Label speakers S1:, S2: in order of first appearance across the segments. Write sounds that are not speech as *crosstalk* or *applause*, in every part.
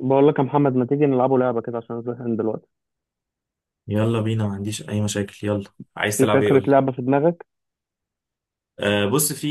S1: بقول لك يا محمد ما تيجي نلعبوا لعبة كده عشان زهقان دلوقتي.
S2: يلا بينا، ما عنديش اي مشاكل، يلا. عايز
S1: في
S2: تلعب ايه؟
S1: فكرة
S2: قول لي.
S1: لعبة في دماغك؟
S2: آه بص، في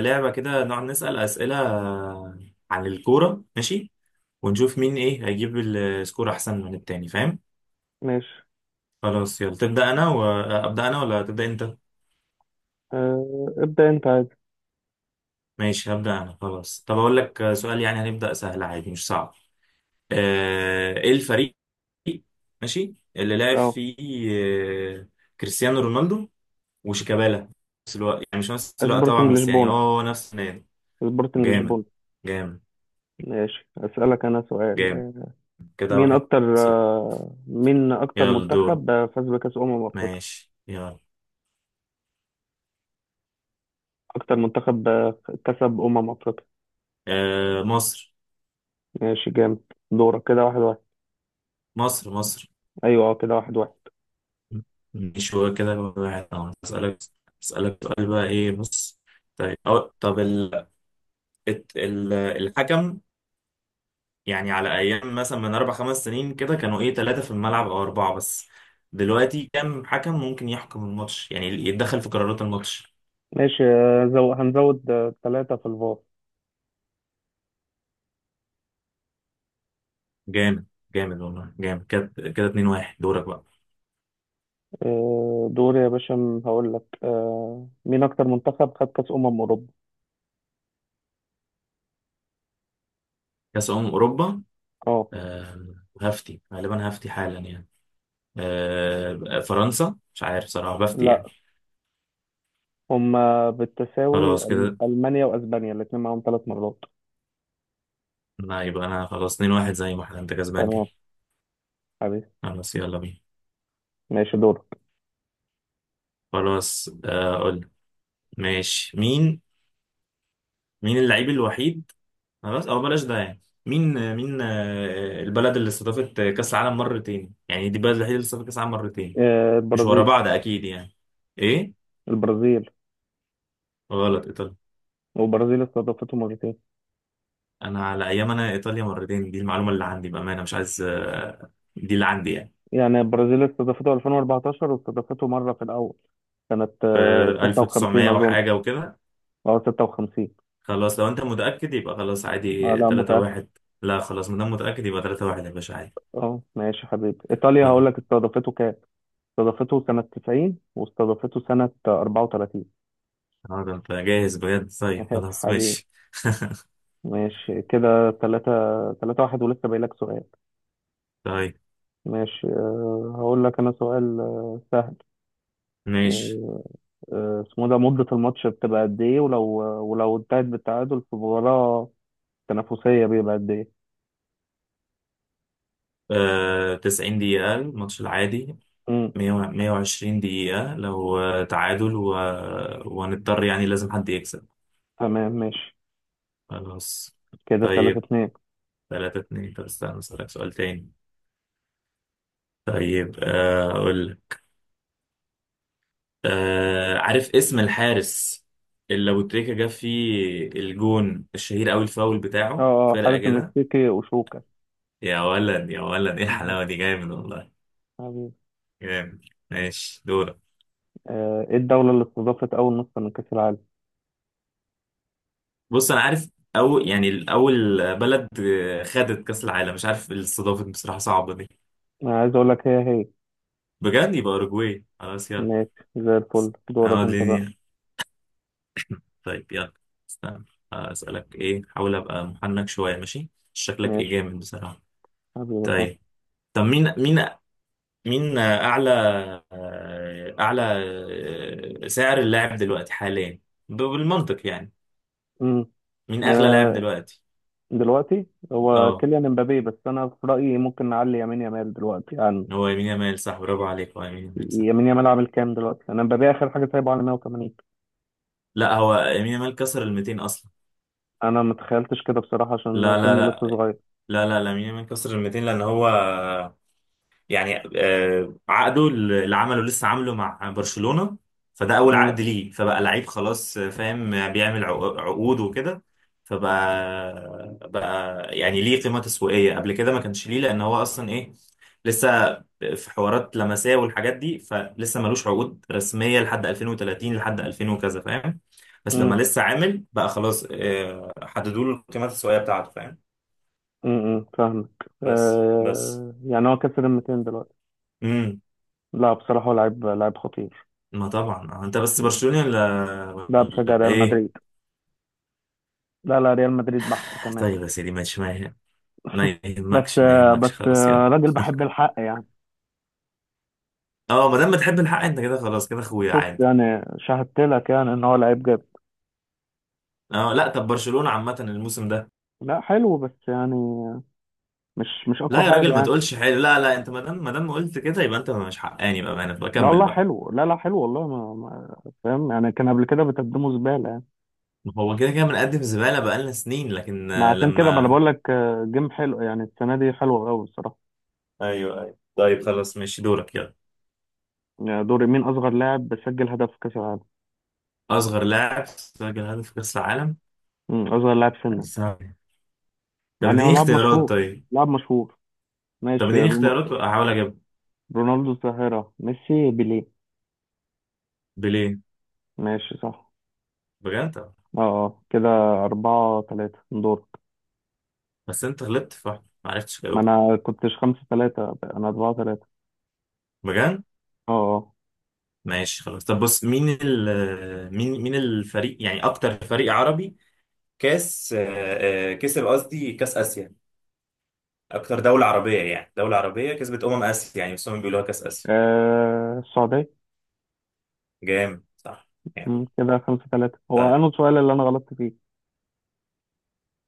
S2: لعبه كده نقعد نسال اسئله عن الكوره، ماشي؟ ونشوف مين ايه هيجيب السكور احسن من التاني، فاهم؟
S1: ماشي،
S2: خلاص يلا، تبدا انا وابدا انا ولا تبدا انت؟
S1: أه ابدأ انت عادي.
S2: ماشي، هبدا انا خلاص. طب اقول لك سؤال، يعني هنبدا سهل عادي مش صعب. آه، ايه الفريق، ماشي، اللي لعب
S1: اه،
S2: فيه آه، كريستيانو رونالدو وشيكابالا في نفس الوقت؟ يعني مش نفس الوقت
S1: سبورتنج
S2: طبعا، بس يعني
S1: لشبونة.
S2: هو نفس النادي.
S1: سبورتنج
S2: جامد
S1: لشبونة.
S2: جامد
S1: ماشي أسألك أنا سؤال.
S2: جامد، كده
S1: مين
S2: واحد
S1: أكتر
S2: صفر.
S1: آه، مين أكتر
S2: يلا دور،
S1: منتخب فاز بكأس أمم أفريقيا؟
S2: ماشي يلا.
S1: أكتر منتخب كسب أمم أفريقيا.
S2: آه مصر
S1: ماشي جامد، دورك، كده واحد واحد.
S2: مصر مصر.
S1: أيوه اه كده واحد واحد.
S2: مش هو كده واحد طبعا. اسألك سؤال بقى، ايه بص. طيب أو طب الحكم، يعني على ايام مثلا من اربع خمس سنين كده كانوا ايه، ثلاثة في الملعب او اربعة بس. دلوقتي كام حكم ممكن يحكم الماتش، يعني يتدخل في قرارات الماتش؟
S1: ماشي هنزود ثلاثة في الفار.
S2: جامد، جامد والله، جامد كده كده 2 1. دورك بقى.
S1: دوري يا باشا، هقول لك مين أكتر منتخب خد كأس أمم أوروبا؟
S2: كأس أمم أوروبا.
S1: اه
S2: آه، هفتي غالبا، هفتي حالا يعني. فرنسا، مش عارف صراحة، بفتي يعني.
S1: لا، هما بالتساوي
S2: خلاص كده.
S1: ألمانيا وأسبانيا الاتنين معاهم ثلاث مرات.
S2: لا، يبقى أنا خلاص 2 واحد، زي ما احنا، أنت كسبان كده.
S1: تمام حبيبي.
S2: خلاص يلا بينا.
S1: ماشي دورك.
S2: خلاص قول. ماشي، مين اللعيب الوحيد؟ خلاص، أو بلاش ده يعني. مين البلد اللي استضافت كأس العالم مرتين، يعني دي البلد الوحيدة اللي استضافت كأس العالم مرتين.
S1: آه،
S2: مش ورا
S1: البرازيل.
S2: بعض أكيد يعني. إيه؟
S1: البرازيل.
S2: غلط، إيطاليا.
S1: والبرازيل استضافته مرتين،
S2: أنا على أيام، أنا إيطاليا مرتين، دي المعلومة اللي عندي بأمانة، مش عايز دي اللي عندي يعني.
S1: يعني البرازيل استضافته 2014 واستضافته مرة في الأول، كانت
S2: في
S1: 56
S2: 1900
S1: أظن.
S2: وحاجة وكده.
S1: أه 56.
S2: خلاص، لو انت متأكد يبقى خلاص
S1: آه
S2: عادي،
S1: لا،
S2: 3
S1: متأكد.
S2: 1. لا خلاص، مادام متأكد يبقى 3 1 يا باشا، عادي.
S1: أه ماشي حبيبي، إيطاليا هقول
S2: خلاص.
S1: لك استضافته كام. استضافته سنة 90 واستضافته سنة 34.
S2: اه ده انت جاهز بجد؟ طيب
S1: *laughs*
S2: خلاص
S1: حبيبي.
S2: ماشي.
S1: ماشي كده 3. 3-1 ولسه باقي لك سؤال.
S2: طيب
S1: ماشي هقول لك انا سؤال سهل.
S2: ماشي،
S1: آه، اسمه ده مدة الماتش بتبقى قد ايه، ولو ولو انتهت بالتعادل في مباراة تنافسية بيبقى قد ايه؟
S2: آه 90 دقيقة الماتش العادي،
S1: امم
S2: 100 و- 120 دقيقة لو تعادل، وهنضطر يعني لازم حد يكسب.
S1: تمام ماشي
S2: خلاص.
S1: كده 3
S2: طيب،
S1: 2
S2: 3 2. طب استنى اسألك سؤال تاني. طيب اقول. آه، عارف اسم الحارس اللي لو تريكا جاب فيه الجون الشهير قوي، الفاول بتاعه
S1: اه اه
S2: فرقة
S1: حارس
S2: كده؟
S1: المكسيكي اوشوكا
S2: يا ولد يا ولد، ايه
S1: مهم.
S2: الحلاوة دي، جامد والله
S1: حبيبي.
S2: جامد. ماشي دورك.
S1: ايه الدولة اللي استضافت اول نسخة من كأس العالم؟
S2: بص انا عارف، او يعني اول بلد خدت كأس العالم. مش عارف الاستضافة دي بصراحة، صعبة دي.
S1: انا عايز اقول لك هي هي.
S2: بجد؟ يبقى اوروجواي، خلاص يلا.
S1: ماشي زي الفل،
S2: انا
S1: دورك انت بقى.
S2: وديني، طيب يلا. استنى، اسالك ايه، حاول ابقى محنك شوية، ماشي شكلك ايه
S1: ماشي
S2: جامد بصراحة.
S1: حبيبي صح.
S2: طيب، طب مين اعلى، اعلى سعر اللاعب دلوقتي حاليا، بالمنطق يعني، مين اغلى لاعب
S1: امم
S2: دلوقتي؟
S1: دلوقتي هو
S2: اه،
S1: كيليان امبابي، بس انا في رايي ممكن نعلي يمين يامال دلوقتي عن.
S2: هو يمين يامال صح، برافو عليك، هو يمين يامال صح.
S1: يمين يامال عامل كام دلوقتي؟ انا امبابي اخر حاجه سايبه على 180.
S2: لا هو يمين يامال كسر ال 200 اصلا.
S1: انا ما تخيلتش كده بصراحه، عشان
S2: لا
S1: سنه لسه
S2: لا
S1: صغير.
S2: لا لا لا لا، يمين يامال كسر ال 200، لان هو يعني عقده اللي عمله لسه عامله مع برشلونة، فده أول
S1: امم
S2: عقد ليه. فبقى لعيب خلاص فاهم، بيعمل عقود وكده. فبقى بقى يعني ليه قيمة تسويقية، قبل كده ما كانش ليه، لأن هو أصلا إيه، لسه في حوارات لمسية والحاجات دي، فلسه ملوش عقود رسمية لحد 2030، لحد 2000 وكذا، فاهم؟ بس لما
S1: امم
S2: لسه عامل بقى خلاص حددوا له القيمة التسويقية بتاعته، فاهم؟
S1: فاهمك.
S2: بس.
S1: آه يعني هو كسر ال 200 دلوقتي.
S2: امم.
S1: لا بصراحه هو لعيب لعيب خطير.
S2: ما طبعا انت بس
S1: مم.
S2: برشلوني، ولا
S1: لا بشجع
S2: ولا
S1: ريال
S2: ايه؟
S1: مدريد. لا لا ريال مدريد بحت كمان.
S2: طيب يا سيدي ماشي، ما
S1: *laughs* بس
S2: يهمكش ما
S1: بس
S2: يهمكش، خلاص يلا.
S1: راجل بحب
S2: *laughs*
S1: الحق يعني.
S2: اه، ما دام بتحب الحق انت كده، خلاص كده اخويا،
S1: شفت
S2: عادي.
S1: يعني، شاهدت لك يعني ان هو لعيب جامد.
S2: اه لا، طب برشلونة عامة الموسم ده.
S1: لا حلو بس يعني مش اقوى
S2: لا يا
S1: حاجه
S2: راجل ما
S1: يعني.
S2: تقولش حلو، لا لا، انت ما دام، ما دام قلت كده، يبقى انت مش حقاني بقى، انا
S1: ده
S2: بكمل
S1: والله
S2: بقى.
S1: حلو، لا لا حلو والله ما فاهم يعني، كان قبل كده بتقدموا زباله يعني.
S2: ما هو كده كده بنقدم زبالة بقالنا سنين، لكن
S1: ما عشان كده ما انا
S2: لما.
S1: بقول لك جيم حلو يعني، السنه دي حلوه قوي الصراحه.
S2: ايوه ايوه طيب خلاص ماشي دورك يلا.
S1: يعني دوري، مين اصغر لاعب سجل هدف في كاس العالم؟
S2: اصغر لاعب سجل هدف في كأس العالم؟
S1: اصغر لاعب
S2: لا دي
S1: سنا.
S2: صعبة. طب
S1: يعني هو
S2: اديني
S1: لاعب
S2: اختيارات
S1: مشهور،
S2: طيب.
S1: لاعب مشهور.
S2: طب
S1: ماشي
S2: اديني اختيارات واحاول اجيبها.
S1: رونالدو الظاهره، ميسي، بيليه.
S2: بليه؟
S1: ماشي صح.
S2: بجد؟ طب.
S1: اه كده أربعة تلاتة، دور.
S2: بس انت غلطت في واحدة ما عرفتش
S1: ما
S2: تجاوبها.
S1: أنا كنتش خمسة تلاتة، أنا أربعة تلاتة.
S2: بجد؟
S1: اه اه
S2: ماشي خلاص. طب بص، مين ال آه، مين مين الفريق، يعني اكتر فريق عربي كاس كسب، قصدي كاس اسيا. اكتر دولة عربية، يعني دولة عربية كسبت اسيا، يعني بس هم بيقولوها كاس اسيا.
S1: السعودية.
S2: جامد صح يعني.
S1: كده خمسة ثلاثة هو،
S2: طيب،
S1: أنا السؤال اللي أنا غلطت فيه.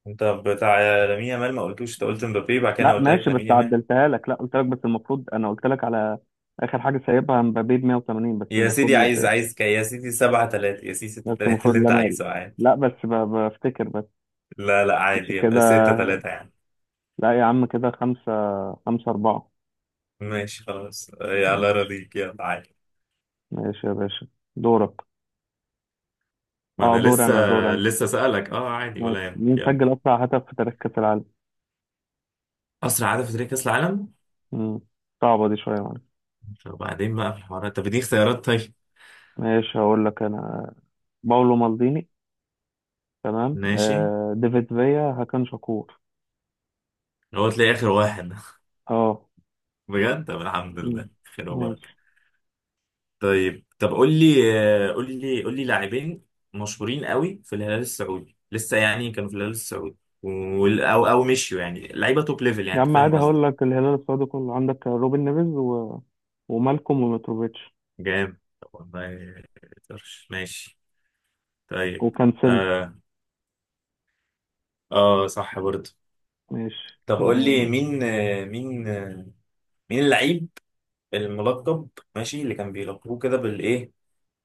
S2: انت بتاع لامين يامال ما قلتوش، انت قلت مبابي، بعد كده انا
S1: لا
S2: قلت لك
S1: ماشي بس
S2: لامين يامال.
S1: عدلتها لك، لا قلت لك، بس المفروض أنا قلت لك على آخر حاجة سايبها مبابي ب 180، بس
S2: يا
S1: المفروض.
S2: سيدي، عايز عايز كي يا سيدي، سبعة تلاتة يا سيدي، ستة
S1: بس
S2: تلاتة،
S1: المفروض
S2: اللي انت
S1: لامال.
S2: عايزه عادي.
S1: لا بس بفتكر بس
S2: لا لا
S1: مش كده.
S2: عادي، ستة تلاتة يعني.
S1: لا يا عم، كده خمسة. خمسة أربعة.
S2: ماشي خلاص على
S1: ماشي.
S2: راضيك، يلا عادي.
S1: ماشي يا باشا. دورك.
S2: ما
S1: أه
S2: انا
S1: دور
S2: لسه
S1: أنا، دور أنا.
S2: لسه سألك. اه عادي،
S1: ماشي
S2: ولا يهمك،
S1: مين
S2: يلا.
S1: سجل أسرع هدف في تاريخ كأس العالم؟
S2: اسرع عدد في تاريخ كاس العالم؟
S1: مم، صعبة دي شوية معلش.
S2: وبعدين بقى في الحوارات. طب اديني اختيارات طيب.
S1: ماشي هقول لك أنا، باولو مالديني، تمام
S2: ماشي،
S1: آه، ديفيد فيا، هاكان شاكور.
S2: هو تلاقي اخر واحد.
S1: اه.
S2: *laughs* بجد؟ طب الحمد
S1: مم.
S2: لله، خير وبركه.
S1: ماشي
S2: طيب، طب قول لي قول لي لاعبين مشهورين قوي في الهلال السعودي، لسه يعني كانوا في الهلال السعودي، او او مشيوا، يعني لعيبه توب ليفل، يعني
S1: يا
S2: انت
S1: عم
S2: فاهم
S1: عادي،
S2: قصدي.
S1: هقول لك الهلال السعودي كله عندك، روبن نيفيز ومالكوم وميتروفيتش
S2: جامد، طب والله ما يقدرش. ماشي طيب
S1: وكانسيلو.
S2: آه، اه صح برضه.
S1: ماشي
S2: طب قول لي مين اللعيب الملقب، ماشي اللي كان بيلقبوه كده بالايه،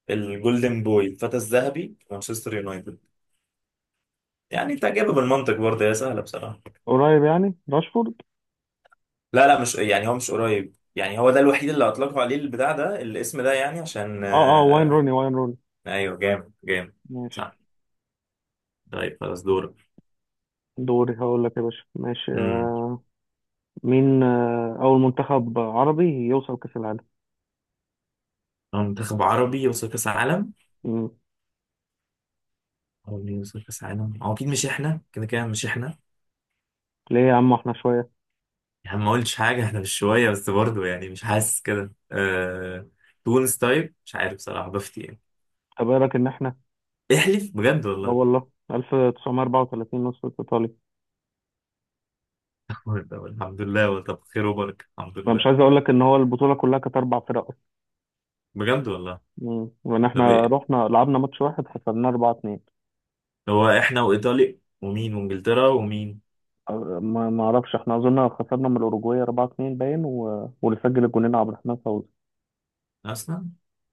S2: الجولدن بوي، الفتى الذهبي في مانشستر يونايتد؟ يعني انت جايبه بالمنطق برضه، يا سهله بصراحه.
S1: قريب يعني، راشفورد.
S2: لا لا، مش يعني هو مش قريب، يعني هو ده الوحيد اللي اطلقوا عليه البتاع ده الاسم ده، يعني عشان
S1: اه اه، واين روني واين روني
S2: ايوه جامد جامد
S1: ماشي.
S2: صح. طيب خلاص دورك.
S1: دوري هقول لك يا باشا، ماشي
S2: امم.
S1: آه، مين اول منتخب عربي يوصل كأس العالم؟
S2: هو منتخب عربي يوصل كاس عالم؟
S1: مم.
S2: هو اللي يوصل كاس عالم، هو اكيد مش احنا كده كده، مش احنا
S1: ليه يا عم احنا شويه؟
S2: يعني. ما قلتش حاجة، احنا مش شوية، بس برضه يعني مش حاسس كده، تونس. طيب مش عارف بصراحة، بفتي يعني.
S1: طب ايه رايك ان احنا
S2: احلف بجد
S1: اه
S2: والله.
S1: والله 1934 نصف ايطاليا.
S2: *laughs* طب الحمد لله، هو طب خير وبركة، الحمد
S1: فمش
S2: لله.
S1: عايز اقول لك ان هو البطوله كلها كانت اربع فرق.
S2: بجد والله.
S1: مم. وان
S2: طب
S1: احنا
S2: ايه،
S1: رحنا لعبنا ماتش واحد خسرناه 4-2.
S2: هو احنا وإيطاليا ومين، وإنجلترا ومين؟
S1: ما اعرفش، احنا اظن خسرنا من الاوروجواي 4-2 باين، واللي سجل الجونين عبد الرحمن فوزي.
S2: أصلا.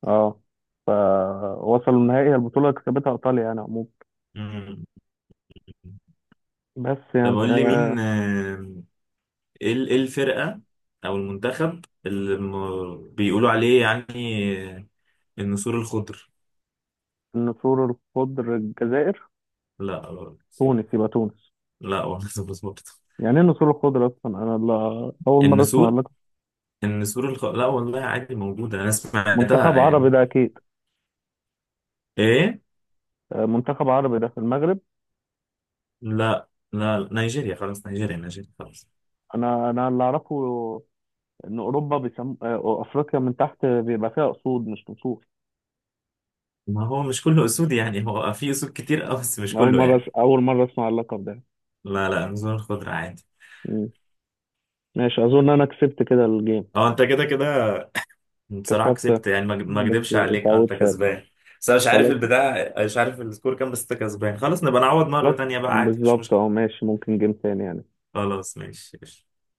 S1: اه. فوصلوا النهائي البطوله اللي كسبتها ايطاليا يعني عموما،
S2: مم.
S1: بس
S2: طب
S1: يعني
S2: قول لي مين
S1: آه،
S2: إيه الفرقة أو المنتخب اللي بيقولوا عليه يعني النسور الخضر؟
S1: النسور الخضر، الجزائر.
S2: لا.
S1: تونس، يبقى تونس.
S2: لا والله *laughs* بس برضه،
S1: يعني ايه النسور الخضر اصلا، انا لا... اول مره اسمع
S2: النسور.
S1: لك.
S2: لا والله عادي موجودة، انا سمعتها
S1: منتخب عربي
S2: يعني.
S1: ده اكيد.
S2: ايه؟
S1: آه منتخب عربي ده، في المغرب.
S2: لا لا نيجيريا، خلاص نيجيريا نيجيريا، خلاص.
S1: انا اللي اعرفه ان اوروبا بيسم... آه، افريقيا من تحت بيبقى فيها اسود مش نسور.
S2: ما هو مش كله اسود يعني، هو في اسود كتير اه، بس مش
S1: اول
S2: كله
S1: مره
S2: يعني.
S1: اول مره اسمع اللقب ده.
S2: لا لا، نزول الخضرة عادي.
S1: مم. ماشي اظن انا كسبت كده الجيم.
S2: اه انت كده كده بصراحة
S1: كسبت
S2: كسبت يعني، ما
S1: بس
S2: اكدبش عليك، اه انت
S1: اتعودت فارق.
S2: كسبان. بس انا مش عارف
S1: خلاص.
S2: البتاع، مش عارف السكور كام، بس انت كسبان خلاص، نبقى نعوض
S1: خلاص.
S2: مرة تانية بقى، عادي مش
S1: بالظبط
S2: مشكلة.
S1: اه، ماشي ممكن جيم تاني يعني.
S2: خلاص ماشي